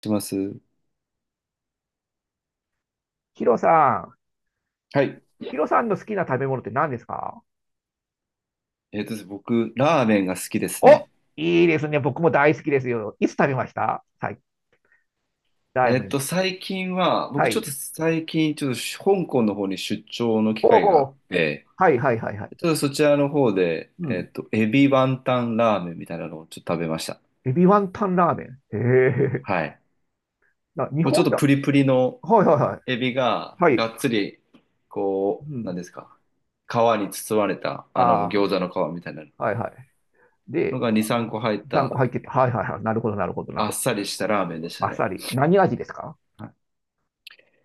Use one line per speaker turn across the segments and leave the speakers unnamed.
します。
ヒロさん、
はい。
ヒロさんの好きな食べ物って何ですか？
ですね僕、ラーメンが好きです
お、
ね。
いいですね。僕も大好きですよ。いつ食べました？最大前。
最近は、
は
僕ちょっ
い。
と最近、ちょっと香港の方に出張の機
ほう
会が
ほ
あっ
う。
て、
はいはいはいはい。
ちょっとそちらの方で、
うん。
エビワンタンラーメンみたいなのをちょっと食べました。
エビワンタンラーメン。へえ。
はい。
な、日
もうちょっ
本
と
だ。
プリプリの
はいはいはい。
エビが、
はい。
がっつり、
う
こう、なん
ん。
ですか、皮に包まれた、あの、餃
あ
子の皮みたいな
あ、はいはいはい。
の
で、
が2、3個入っ
3個
た、
入ってて。はいはいはい。なるほどなるほどなる
あっ
ほ
さりしたラーメンで
ど。
し
あ
た
っさ
ね。
り。何味ですか？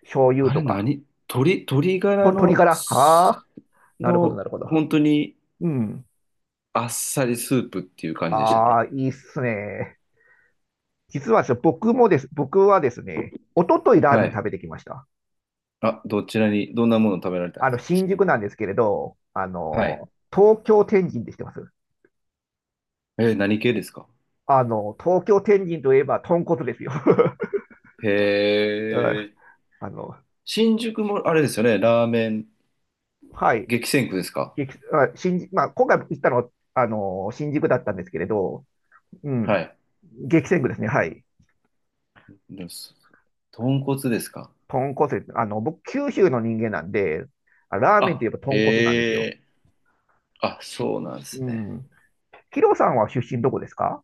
醤油
あれ
とか。
何鶏ガ
と、
ラ
鶏
の、
ガラ。はあ。なるほどなるほど。
本当に
うん。
あっさりスープっていう感じでした
あ
ね。
あ、いいっすね。実はですね僕はですね、おとといラー
は
メン
い。
食べてきました。
あ、どちらに、どんなものを食べられたんですか。
新宿なんですけれど、
はい。
東京天神って知ってます？
何系ですか。
東京天神といえば豚骨ですよ。
へ
うん。
え。
あの、
新宿も、あれですよね、ラーメン、
はい。
激戦区ですか。
新宿、まあ、今回行ったのは、新宿だったんですけれど、うん、
はい。
激戦区ですね。はい。
どす。豚骨ですか。
豚骨です。僕、九州の人間なんで、あ、ラーメンとい
あ、
えば豚骨なんです
へ
よ。
え。あ、そうなんです
う
ね。
ん。ヒロさんは出身どこですか？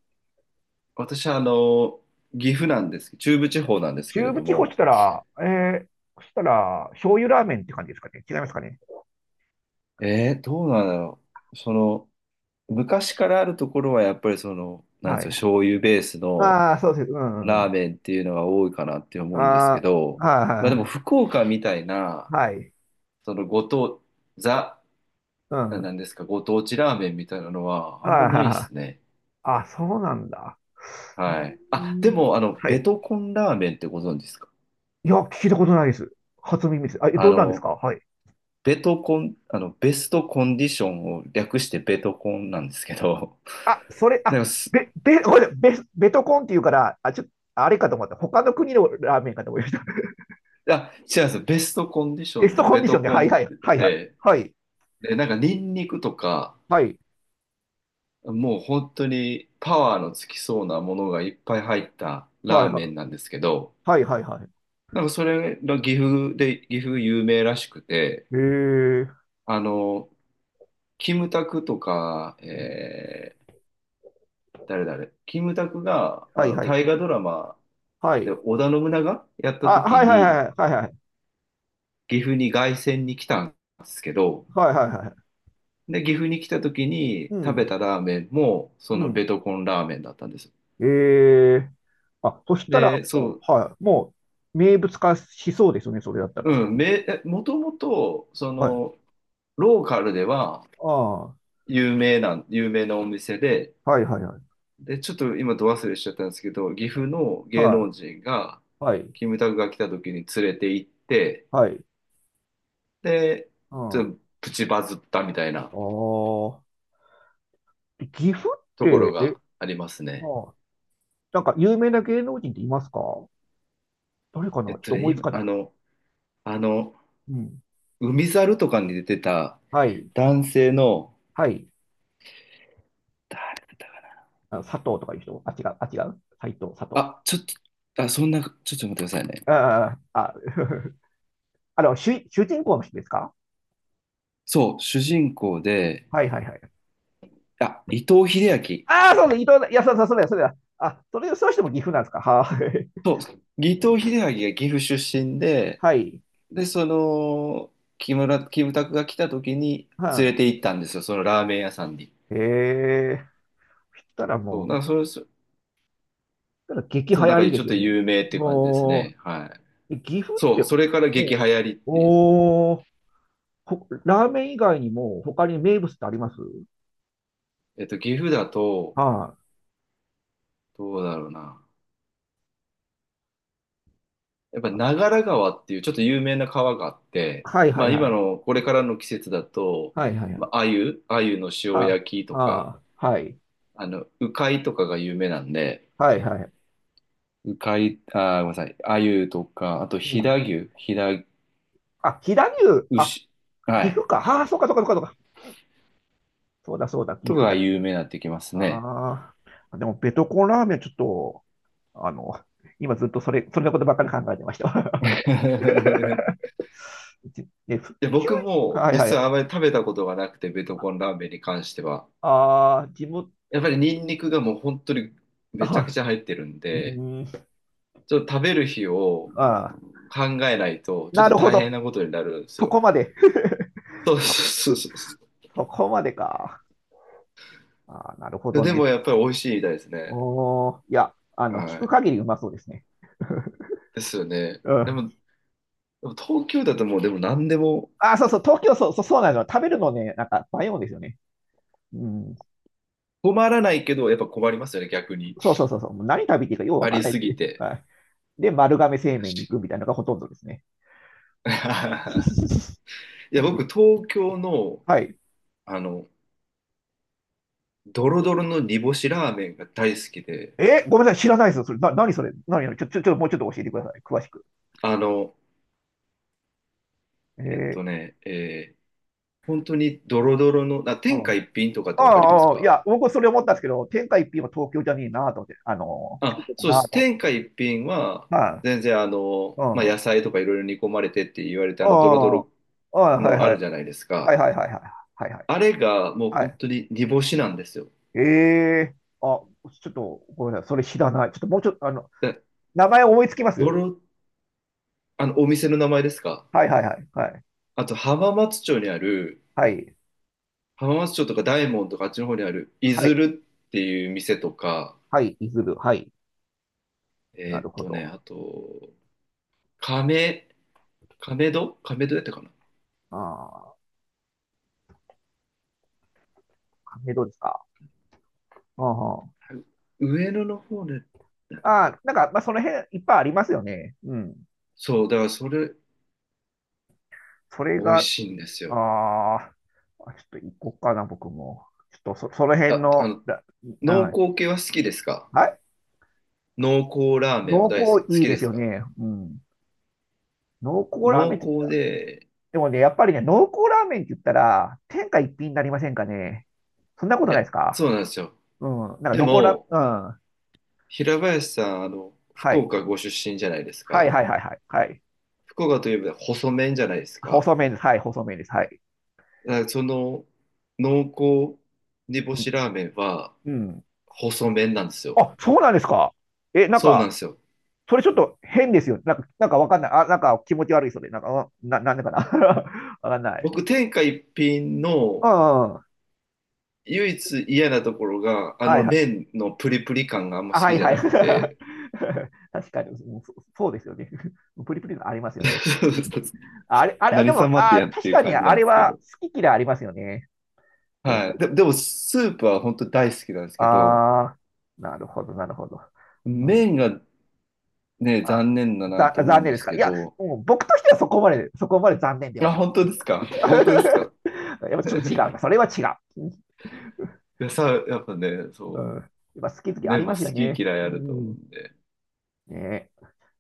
私は、あの、岐阜なんです、中部地方なんですけれ
中
ど
部地方し
も、
たら、えー、そしたら、醤油ラーメンって感じですかね。違いますかね。
どうなんだろう。その、昔からあるところはやっぱりその、なんで
は
すか、
い。
醤油ベースの
ああ、そうです。うんうんう
ラー
ん。
メンっていうのが多いかなって思うんですけ
あ
ど、
あ、
まあで
は
も
い
福岡みたいな、
はい。はい。
そのご当、ザ、
うん。
な
は
んですか、ご当地ラーメンみたいなのは
い
あ
は
ん
い
まないで
はい。
すね。
あ、そうなんだ。うー
はい。あ、で
ん。
も、あの、
は
ベ
い。
トコンラーメンってご存知ですか。
いや、聞いたことないです。初耳です。あ、え、
あ
どんなんです
の、
か？はい。
ベトコン、あの、ベストコンディションを略してベトコンなんですけど、
あ、それ、
な
あ、
んかす、
べ、べ、ごめんなさい。ベス、ベトコンっていうから、あ、ちょっと、あれかと思った。他の国のラーメンかと思いました。
あ、違うんですよ。ベストコンディ ショ
ベ
ン
スト
で
コン
ベ
ディショ
ト
ンで、
コ
はい
ンって
はい、
言っ
はいはい。
て、
はい、
で、なんかニンニクとか、
はい、
もう本当にパワーのつきそうなものがいっぱい入った
は
ラ
い、
ーメ
は
ンなんですけど、
い、はい、はい。
なんかそれが岐阜で、岐阜有名らしくて、
へえ、
あの、キムタクとか、キムタクが、あ
はい
の、
はい。
大河ドラマ
は
で
い。
織田信長やった
あ、
時
はいはいはい
に、
はいはいはい。
岐阜に凱旋に来たんですけど、
はいはいはい。
で、岐阜に来た時に
う
食べ
ん。
たラーメンも、そ
う
の
ん。
ベトコンラーメンだったんです。
ええ、あ、そしたら
で、そ
もう、
う、
はい。もう、名物化しそうですよね、それだったら。
うん、もともと、そ
はい。
の、ローカルでは
あ
有名なお店で、
あ、はいはいはい。
で、ちょっと今、ど忘れしちゃったんですけど、岐阜の芸
は
能人が、
い。はい。
キムタクが来た時に連れて行って、
はい。
で、
う
ち
ん。あ
ょっとプチバズったみたいな
あ。で、岐阜っ
ところ
て、え、
があります
あ
ね。
あ、なんか有名な芸能人っていますか？誰かなちょっと思いつ
今、
か
あ
な
の、あの、
い。うん。
海猿とかに出てた
はい。
男性の、
はい。
誰だったか
あの佐藤とかいう人。あ、違う。あ、違う。斎藤、佐
な
藤。
あ、ちょっと、あ、そんな、ちょっと待ってくださいね。
あ、あ、あ。 あの、主人公の人ですか？
そう、主人公で、
はいはいはい。
あ、伊藤英明。
ああ、そうだ、伊藤だ。いや、そうだ、そうだ、そうだ。あ、それ、そうしても岐阜なんですか？はい。
そう、伊藤英明が岐阜出身 で、
はい。
で、その、木村、キムタクが来た時に
は
連れ
あ、
て行ったんですよ、そのラーメン屋さんに。
ええ、そしたら
そう、
も
な
う、
んかそれ、そ
そしたら激流
そう、なん
行
か
りで
ちょ
す
っ
よ
と
ね。
有名っていう感じです
おー、
ね。はい。
え、岐阜っ
そ
て、
う、それから激
お
流
ー、
行りって、
おー、ほ、ラーメン以外にも他に名物ってあります？
岐阜だと、
は
どうだろうな。やっぱ長良川っていうちょっと有名な川があって、
い、はいは
ま
い
あ
は
今
い。
の、これからの季節だと、
はいはいは
まあ、
い。
鮎の塩
は
焼き
あ、
とか、
はあ、はい。
あの、鵜飼とかが有名なんで、
はいはい。
うかい、あー、ごめんなさい。鮎とか、あと
う
飛
ん。
騨牛、飛騨
あ、飛騨牛。あ、
牛、は
岐阜
い。
か。ああ、そうかそうかそうかそうか。そうだそうだ、岐
とか
阜
が
だ、岐
有
阜だ。
名になってきますね。
ああ、でもベトコンラーメンちょっと、あの、今ずっとそれのことばっかり考えてました。じね、ふ
で、
九
僕
州、
も
はいは
実は
い。
あまり食べたことがなくて、ベトコンラーメンに関しては。
ああ、地元、
やっぱりニンニクがもう本当にめちゃく
あ、
ちゃ入ってるん
う
で、
ーん、
ちょっと食べる日を
ああ、
考えないと、ちょっ
な
と
るほ
大変
ど。
なことになるんです
そ
よ。
こまで。
そうそうそうそ
そこまでか。ああ、なるほ
う。
ど
で
ね。
もやっぱり美味しいみたいですね。
おー、いや、聞
は
く
い。
限りうまそうですね。
ですよね。
う
で
ん。
も、でも東京だともうでも何でも
あ、そうそう、東京、そう、そう、そうなの。食べるのね、なんか、迷うんですよね。うん。
困らないけど、やっぱ困りますよね、逆に。
そうそうそう、そう。もう何食べていいかようわ
あ
かん
り
ないっ
す
て
ぎ
ね。
て。
はい。で、丸亀製麺に
確
行くみたいなのがほとんどですね。
かに。 い
あ
や、
と、
僕、東京の、
はい。
あの、ドロドロの煮干しラーメンが大好きで、
え、ごめんなさい、知らないですよ。それ、な、何それ、何、何、ちょ、ちょ、ちょ、もうちょっと教えてください。詳しく。
あの、
え
えっ
ー、
とね、えー本当にドロドロの、あ、
う
天下
ん。
一品とかっ
ああ、
てわかります
ああ、い
か。
や、僕それ思ったんですけど、天下一品は東京じゃねえなと思って、京
あ、
都
そう
だ
で
なと
す。
思って。
天下一品は、
は
全然あの、
い。う
まあ、野
ん。
菜とかいろいろ煮込まれてって言われて、あ
あ
の、ドロドロ
あ、ああ、はい
のあ
は
る
い。
じゃないです
はい
か。
はいはいはい。はいはい。
あれがもう
は
本
い。
当に煮干しなんですよ。
ええ、あ、ちょっと、ごめんなさい。それ知らない。ちょっともうちょっと、
で、
名前思いつきま
ド
す？
ロ、あの、お店の名前ですか。
はいはいはい。はい。
あと浜松町にある、
はい。
浜松町とか大門とかあっちの方にある、い
は
ず
い。
るっていう店とか、
はい。いずる。はい。なるほど。
あと、亀、亀戸やったかな。
ああ、関係どうですか。ああ、
上野の方で、なんだっけな。
ああ、なんか、まあ、その辺いっぱいありますよね。うん。
そう、だからそれ、
それ
美味
が、
しいんですよ。
ああ、ちょっと行こうかな、僕も。ちょっとそ、その辺
あ、あ
の、
の、
だ、あ
濃
の、
厚系は好きですか。
はい。
濃厚ラーメンは
濃
大好き、好
厚いい
き
で
で
す
す
よ
か。
ね。うん。濃厚ラー
濃
メンって言った
厚
ら、
で、
でもね、やっぱりね、濃厚ラーメンって言ったら、天下一品になりませんかね。そんなこと
い
ない
や、
ですか？
そうなんですよ。
うん。なんか、
で
残ら、
も、
うん。
平林さん、あの、
は
福
い。
岡ご出身じゃないです
はい
か。
はいはいはい。はい。
福岡といえば細麺じゃないですか。
細麺です。はい、細麺です。はい。
だからその濃厚煮干
うん。
しラーメンは
うん、
細麺なんですよ。
あ、そうなんですか。え、なん
そうな
か、
んですよ。
それちょっと変ですよ。なんか、なんかわかんない。あ、なんか気持ち悪いそれ。なんか、んな、なんでかな。わかんない。
僕、天下一品
う
の
んうん、
唯一嫌なところが、あ
は
の
いはい。
麺のプリプリ感があんま
あ、
好
は
き
い
じゃ
はい。
なくて。
確かに、もうそ、そうですよね。プリプリのありますよね。あ、あれ、あれ、で
何
も、
様って
あ、
やっ
確
ていう
かに
感じ
あ
なん
れ
ですけ
は
ど。
好き嫌いありますよね。展
は
開。
い。で、でも、スープは本当大好きなんですけど、
ああ、なるほど、なるほど。うん。
麺がね、
あ、
残念だな
ざ、
と思う
残
ん
念
で
です
す
か。い
け
や、
ど。
もう僕としてはそこまで、そこまで残念では
あ、
な
本当ですか。本当です
く。
か。
やっぱちょっと違う な。それは違う。
いやさ、やっぱね、
う
そ
ん。
う。
やっぱ好き好きあ
ね、
り
も
ま
う
すよ
好き
ね。
嫌い
う
あると思う
ん。
んで。
ね。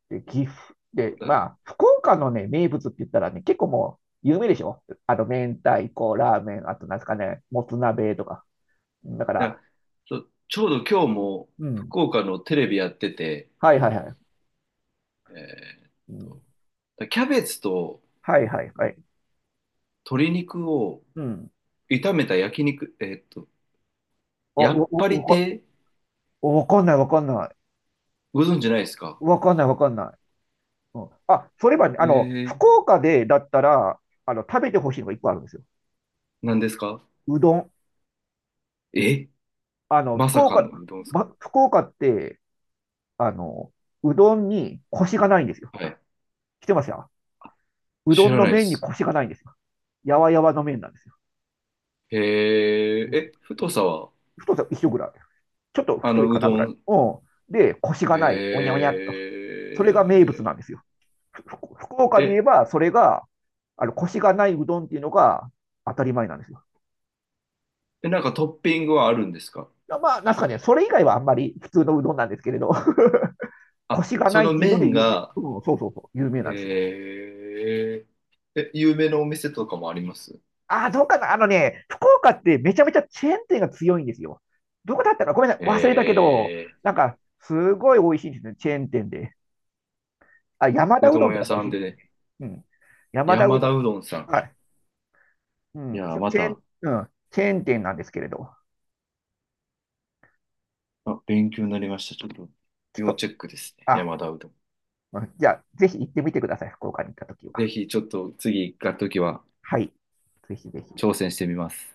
で、岐阜。で、ま
だ
あ、福岡のね、名物って言ったらね、結構もう有名でしょ？あと、明太子、ラーメン、あと、なんですかね、もつ鍋とか。だか
い
ら、
や、ちょうど今日も
うん。
福岡のテレビやってて、
はいはいはい。
えーっ
うん、
と、キャベツと
はいはいはい。
鶏肉を
うん。
炒めた焼肉、
あ、わ、
やっ
わ、
ぱり
わ
亭、
わかんないわかんない。
ご存知ないですか。
わかんないわかんない。うん。あ、それはね、
えー、
福岡でだったら、食べてほしいのが一個あるんですよ。
何ですか。
うどん。
えま
福
さかの
岡、
うどんですか。
ま、福岡って、あの、うどんにコシがないんですよ。
はい。
来てますよ。う
知
どん
ら
の
ないで
麺に
す。
コシがないんですよ。やわやわの麺なんですよ。
へえ、
うん、
え、太さは、
太さ一緒ぐらい。ちょっと
あ
太い
の、
か
う
な
ど
ぐらい。
ん、
うん。で、コシが
へ
ない。おにゃおにゃっと。それが名物な
え、
んですよ。福岡
え、
で言え
え
ば、それが、コシがないうどんっていうのが当たり前なんですよ。
なんかトッピングはあるんですか。
まあ、なんすかね、それ以外はあんまり普通のうどんなんですけれど、コ
あ、
シが
そ
ないっ
の
ていうので
麺
有名。
が、
うん、そうそうそう、有名
へ
なんですよ。
え、え、有名なお店とかもあります。
ああ、どうかな、あのね、福岡ってめちゃめちゃチェーン店が強いんですよ。どこだったかごめんなさい、忘れたけど、
え
なんか、すごい美味しいんですね、チェーン店で。あ、山田
う
う
ど
どん
ん
と
屋
かも美
さ
味し
ん
いで
で
すよ
ね、
ね。うん。山田う
山
どん。
田うどんさん。
はい。う
い
ん。
やー、
そ、
ま
チェ
た、
ーン、うん。チェーン店なんですけれど。
あ、勉強になりました。ちょっと、
ちょっ
要
と、
チェックですね。
あ、
山田うどん。
うん、じゃあ、ぜひ行ってみてください、福岡に行ったときは。
ぜひ、ちょっと次行った時は
はい。ぜひぜひ。
挑戦してみます。